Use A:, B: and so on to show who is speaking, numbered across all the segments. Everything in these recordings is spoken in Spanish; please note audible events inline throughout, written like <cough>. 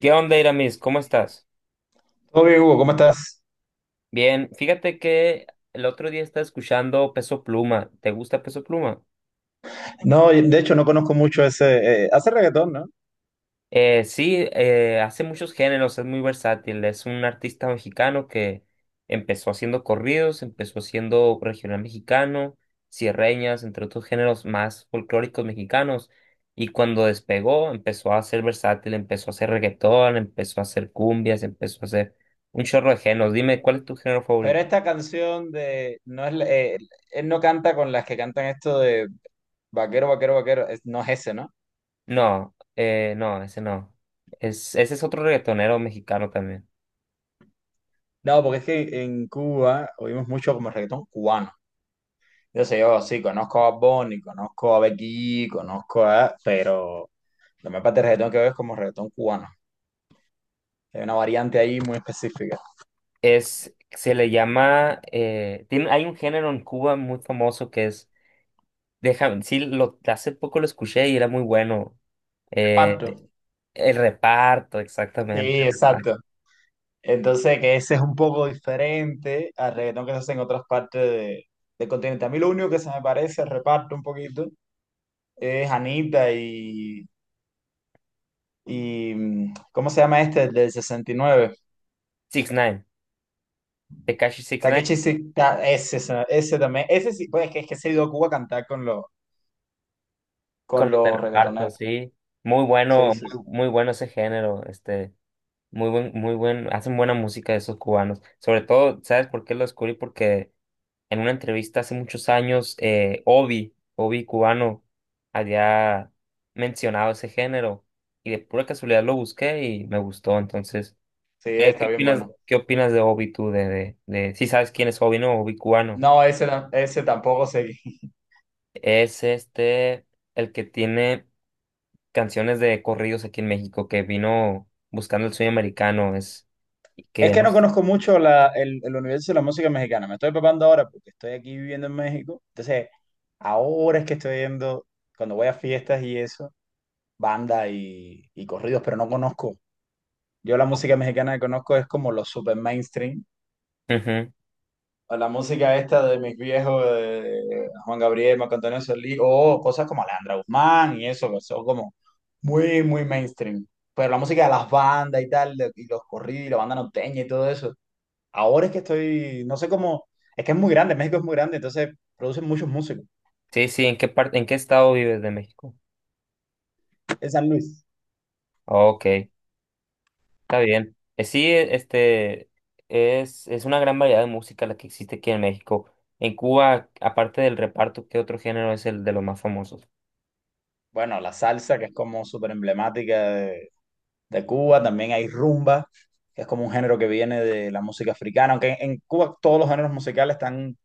A: ¿Qué onda, Iramis? ¿Cómo estás?
B: Todo bien, Hugo, ¿cómo estás?
A: Bien, fíjate que el otro día estaba escuchando Peso Pluma. ¿Te gusta Peso Pluma?
B: No, de hecho no conozco mucho ese, hace reggaetón, ¿no?
A: Sí, hace muchos géneros, es muy versátil. Es un artista mexicano que empezó haciendo corridos, empezó haciendo regional mexicano, sierreñas, entre otros géneros más folclóricos mexicanos. Y cuando despegó, empezó a ser versátil, empezó a hacer reggaetón, empezó a hacer cumbias, empezó a hacer un chorro de géneros. Dime, ¿cuál es tu género
B: Pero
A: favorito?
B: esta canción de, no es, él no canta con las que cantan esto de vaquero, vaquero, vaquero, no es ese, ¿no?
A: No, no, ese no. Es, ese es otro reggaetonero mexicano también.
B: No, porque es que en Cuba oímos mucho como reggaetón cubano. Yo sé, yo sí, conozco a Bonnie, conozco a Becky, pero la mayor parte del reggaetón que veo es como reggaetón cubano. Hay una variante ahí muy específica.
A: Es, se le llama, tiene, hay un género en Cuba muy famoso que es, déjame, sí, lo, hace poco lo escuché y era muy bueno. Eh,
B: Reparto.
A: el reparto,
B: Sí,
A: exactamente. El reparto.
B: exacto. Entonces, que ese es un poco diferente al reggaetón que se hace en otras partes del continente. A mí lo único que se me parece, al reparto un poquito, es Anita y ¿cómo se llama este? El del 69.
A: Six Nine, Tekashi Six
B: Takeshi,
A: Nine,
B: Ese también. Ese sí, pues es que se ha ido a Cuba a cantar con los,
A: con
B: con
A: el de
B: los
A: reparto,
B: reggaetoneros.
A: sí. Muy
B: Sí,
A: bueno,
B: sí,
A: muy,
B: sí.
A: muy bueno ese género, este, muy buen, hacen buena música esos cubanos. Sobre todo, ¿sabes por qué lo descubrí? Porque en una entrevista hace muchos años, Obi, Obi cubano, había mencionado ese género y de pura casualidad lo busqué y me gustó. Entonces,
B: Sí,
A: ¿qué,
B: está bien bueno.
A: qué opinas de Obi tú? De, si sabes quién es Obi, ¿no? Obi cubano.
B: No, ese tampoco seguí. <laughs>
A: Es este el que tiene canciones de corridos aquí en México, que vino buscando el sueño americano, es y
B: Es
A: que
B: que
A: no.
B: no conozco mucho el universo de la música mexicana. Me estoy preparando ahora porque estoy aquí viviendo en México. Entonces, ahora es que estoy viendo, cuando voy a fiestas y eso, bandas y corridos, pero no conozco. Yo la música mexicana que conozco es como los super mainstream.
A: Ujú.
B: O la música esta de mis viejos, de Juan Gabriel, Marco Antonio Solís, o cosas como Alejandra Guzmán y eso, que son como muy, muy mainstream. Pero la música de las bandas y tal, y los corridos y la banda norteña y todo eso. Ahora es que estoy, no sé cómo, es que es muy grande, México es muy grande, entonces producen muchos músicos.
A: Sí, sí, ¿en qué parte, en qué estado vives de México?
B: En San Luis.
A: Ok. Está bien. Sí, este es una gran variedad de música la que existe aquí en México. En Cuba, aparte del reparto, ¿qué otro género es el de los más famosos?
B: Bueno, la salsa, que es como súper emblemática de Cuba, también hay rumba, que es como un género que viene de la música africana, aunque en Cuba todos los géneros musicales están,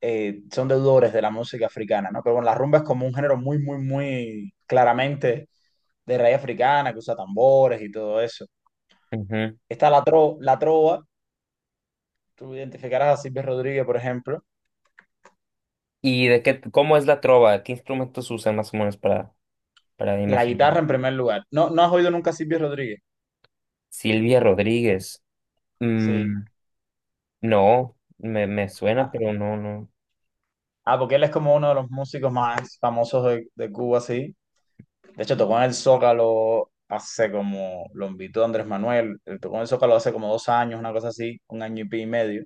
B: eh, son deudores de la música africana, ¿no? Pero bueno, la rumba es como un género muy, muy, muy claramente de raíz africana, que usa tambores y todo eso.
A: Ujú.
B: Está la trova, tú identificarás a Silvio Rodríguez, por ejemplo.
A: ¿Y de qué, cómo es la trova? ¿Qué instrumentos usan más o menos para
B: La
A: imaginar?
B: guitarra en primer lugar. ¿No, no has oído nunca a Silvio Rodríguez?
A: Silvia Rodríguez.
B: Sí.
A: Mm, no, me, me suena,
B: Ah,
A: pero no, no.
B: ah, porque él es como uno de los músicos más famosos de Cuba, sí. De hecho, tocó en el Zócalo hace como, lo invitó Andrés Manuel, él tocó en el Zócalo hace como 2 años, una cosa así, un año y pico y medio.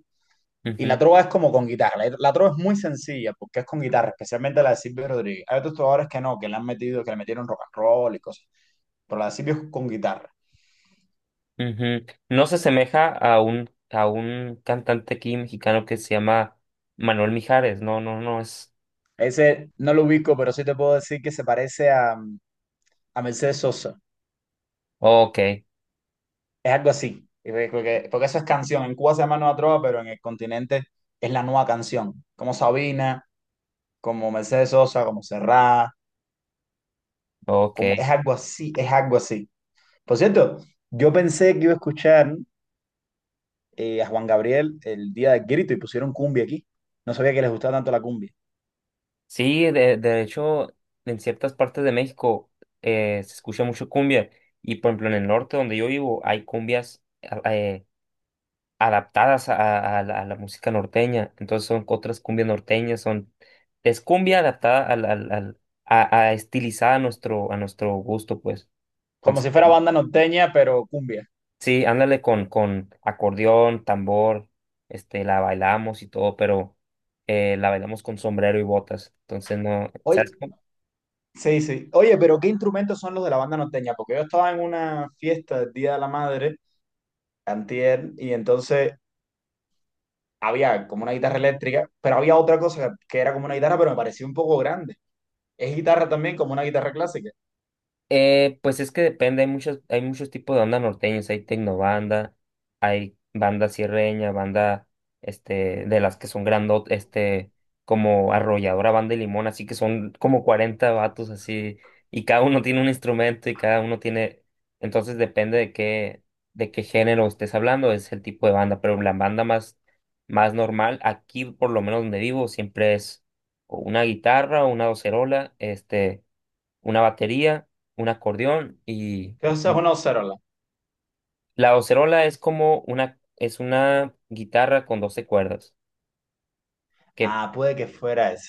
B: Y la
A: Ujú,
B: trova es como con guitarra. La trova es muy sencilla porque es con guitarra, especialmente la de Silvio Rodríguez. Hay otros trovadores que no, que le metieron rock and roll y cosas. Pero la de Silvio es con guitarra.
A: ujú. No se asemeja a un cantante aquí mexicano que se llama Manuel Mijares. No, no, no es.
B: Ese no lo ubico, pero sí te puedo decir que se parece a Mercedes Sosa.
A: Ok,
B: Es algo así, y porque, porque eso es canción. En Cuba se llama Nueva Trova, pero en el continente es la nueva canción, como Sabina, como Mercedes Sosa, como Serrat,
A: ok.
B: como es algo así, es algo así. Por cierto, yo pensé que iba a escuchar a Juan Gabriel el día del grito y pusieron cumbia aquí. No sabía que les gustaba tanto la cumbia.
A: Sí, de hecho, en ciertas partes de México se escucha mucho cumbia. Y por ejemplo, en el norte donde yo vivo hay cumbias a- adaptadas a la música norteña. Entonces son otras cumbias norteñas, son, es cumbia adaptada al, al, al- a estilizada a nuestro gusto, pues.
B: Como
A: Entonces,
B: si fuera banda norteña, pero cumbia.
A: sí, ándale con acordeón, tambor, este, la bailamos y todo, pero la bailamos con sombrero y botas. Entonces no, ¿sabes?
B: Oye, sí, sí. Oye, pero ¿qué instrumentos son los de la banda norteña? Porque yo estaba en una fiesta del Día de la Madre, antier, y entonces había como una guitarra eléctrica, pero había otra cosa que era como una guitarra, pero me parecía un poco grande. Es guitarra también, como una guitarra clásica.
A: Pues es que depende, hay muchos tipos de banda norteños, hay tecnobanda, hay banda sierreña, banda, este, de las que son grandot, este, como arrolladora, banda de limón, así que son como 40 vatos así, y cada uno tiene un instrumento y cada uno tiene, entonces depende de qué género estés hablando, es el tipo de banda, pero la banda más, más normal, aquí por lo menos donde vivo, siempre es o una guitarra, o una docerola, este una batería, un acordeón y
B: Entonces eso es una Ocerola.
A: la docerola es como una es una guitarra con 12 cuerdas, que
B: Ah, puede que fuera esa.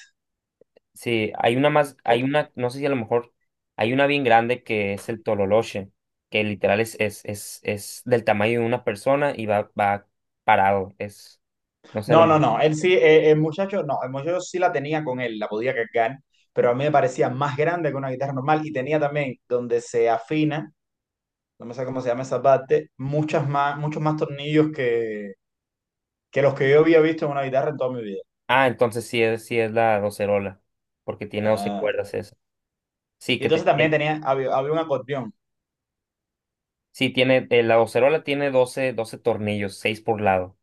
A: sí, hay una más hay
B: Porque-
A: una no sé si a lo mejor hay una bien grande que es el tololoche, que literal es, es del tamaño de una persona y va parado, es no sé a lo
B: No, no,
A: mejor.
B: no. Él sí, el muchacho, no, el muchacho sí la tenía con él, la podía cargar, pero a mí me parecía más grande que una guitarra normal y tenía también donde se afina, no me sé cómo se llama esa parte, muchas más, muchos más tornillos que los que yo había visto en una guitarra en toda mi vida.
A: Ah, entonces sí es la docerola, porque tiene 12
B: Ah,
A: cuerdas esa. Sí,
B: y
A: que te-
B: entonces también
A: tiene,
B: tenía, había un acordeón.
A: sí tiene la docerola tiene 12 tornillos, 6 por lado.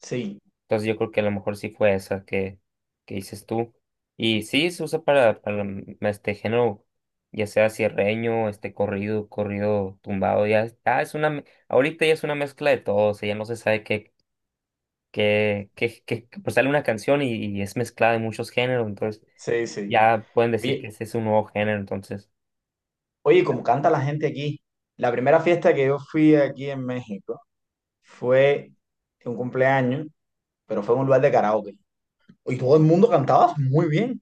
B: Sí,
A: Entonces yo creo que a lo mejor sí fue esa que dices tú. Y sí, se usa para este género, ya sea cierreño, este corrido, corrido tumbado, ya, es- ah, es una, me- ahorita ya es una mezcla de todo, o sea, ya no se sabe qué, qué, qué, qué- qué- pues sale una canción y es mezclada de muchos géneros, entonces
B: sí, sí.
A: ya pueden decir que
B: Oye,
A: ese es un nuevo género, entonces,
B: como canta la gente aquí, la primera fiesta que yo fui aquí en México fue un cumpleaños, pero fue en un lugar de karaoke. Y todo el mundo cantaba muy bien.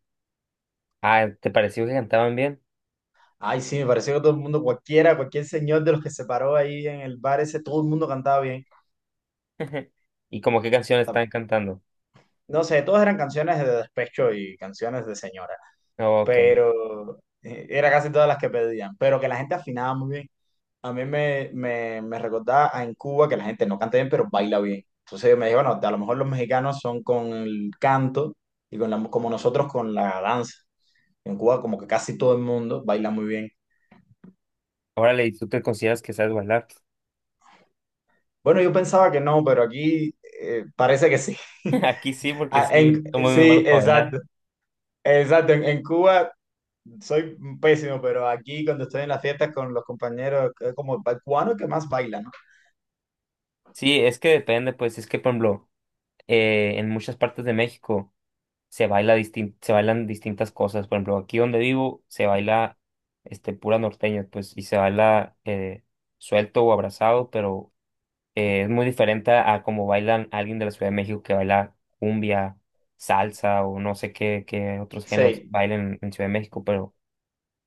A: ah, ¿te pareció que cantaban bien?
B: Ay, sí, me pareció que todo el mundo, cualquiera, cualquier señor de los que se paró ahí en el bar ese, todo el mundo cantaba bien.
A: <laughs> ¿Y como qué canción
B: Ta-
A: estaban cantando?
B: No sé, todas eran canciones de despecho y canciones de señora,
A: Ok,
B: pero era casi todas las que pedían, pero que la gente afinaba muy bien. A mí me recordaba a en Cuba que la gente no canta bien, pero baila bien. Entonces me dije, bueno, a lo mejor los mexicanos son con el canto y con la, como nosotros con la danza. En Cuba como que casi todo el mundo baila muy bien.
A: órale, ¿y tú te consideras que sabes bailar?
B: Bueno, yo pensaba que no, pero aquí parece que sí. <laughs>
A: <laughs> Aquí sí, porque
B: Ah,
A: sí, somos muy
B: sí,
A: malos para bailar.
B: exacto. Exacto, en Cuba soy pésimo, pero aquí cuando estoy en las fiestas con los compañeros, es como el cubano que más baila, ¿no?
A: Sí, es que depende, pues, es que, por ejemplo, en muchas partes de México se baila distin- se bailan distintas cosas. Por ejemplo, aquí donde vivo se baila este, pura norteña, pues, y se baila suelto o abrazado, pero es muy diferente a como bailan alguien de la Ciudad de México que baila cumbia, salsa o no sé qué, qué otros géneros
B: Sí,
A: bailan en Ciudad de México, pero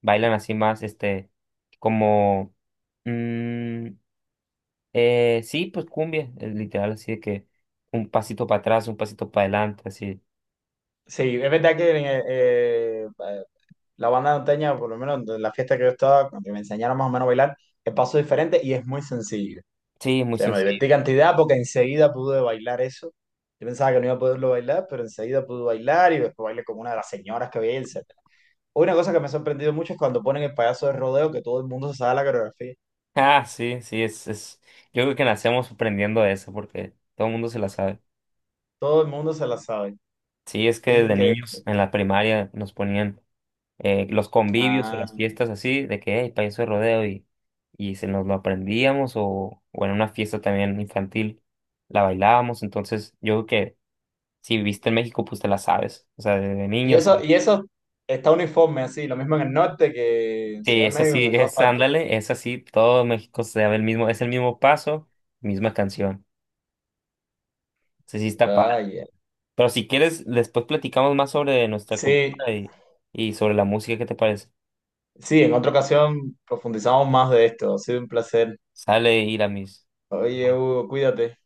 A: bailan así más, este, como... mm, sí, pues cumbia, es literal, así de que un pasito para atrás, un pasito para adelante, así.
B: sí, es verdad que la banda norteña, por lo menos en la fiesta que yo estaba, cuando me enseñaron más o menos a bailar, el paso es diferente y es muy sencillo.
A: Sí, es
B: O
A: muy
B: sea, me
A: sencillo.
B: divertí
A: <laughs>
B: cantidad porque enseguida pude bailar eso. Yo pensaba que no iba a poderlo bailar, pero enseguida pude bailar y después bailé como una de las señoras que había, etcétera. Una cosa que me ha sorprendido mucho es cuando ponen el payaso de rodeo, que todo el mundo se sabe la coreografía.
A: Ah, sí, sí, es, es. Yo creo que nacemos aprendiendo eso porque todo el mundo se la sabe.
B: Todo el mundo se la sabe.
A: Sí, es que
B: Es
A: desde
B: increíble.
A: niños en la primaria nos ponían los convivios o
B: Ah.
A: las fiestas así, de que, hey, payaso de rodeo y se nos lo aprendíamos o en una fiesta también infantil la bailábamos. Entonces, yo creo que si viviste en México, pues te la sabes. O sea, desde niños
B: Y eso está uniforme así, lo mismo en el norte que en
A: sí,
B: Ciudad de
A: es
B: México, que
A: así,
B: en todas
A: es,
B: partes.
A: ándale, es así, todo México se da el mismo, es el mismo paso, misma canción. Sí, sí está padre.
B: Ah, ya.
A: Pero si quieres, después platicamos más sobre nuestra
B: Sí,
A: cultura y sobre la música, ¿qué te parece?
B: sí, en otra ocasión profundizamos más de esto. Ha sido un placer.
A: Sale, Iramis.
B: Oye, Hugo, cuídate.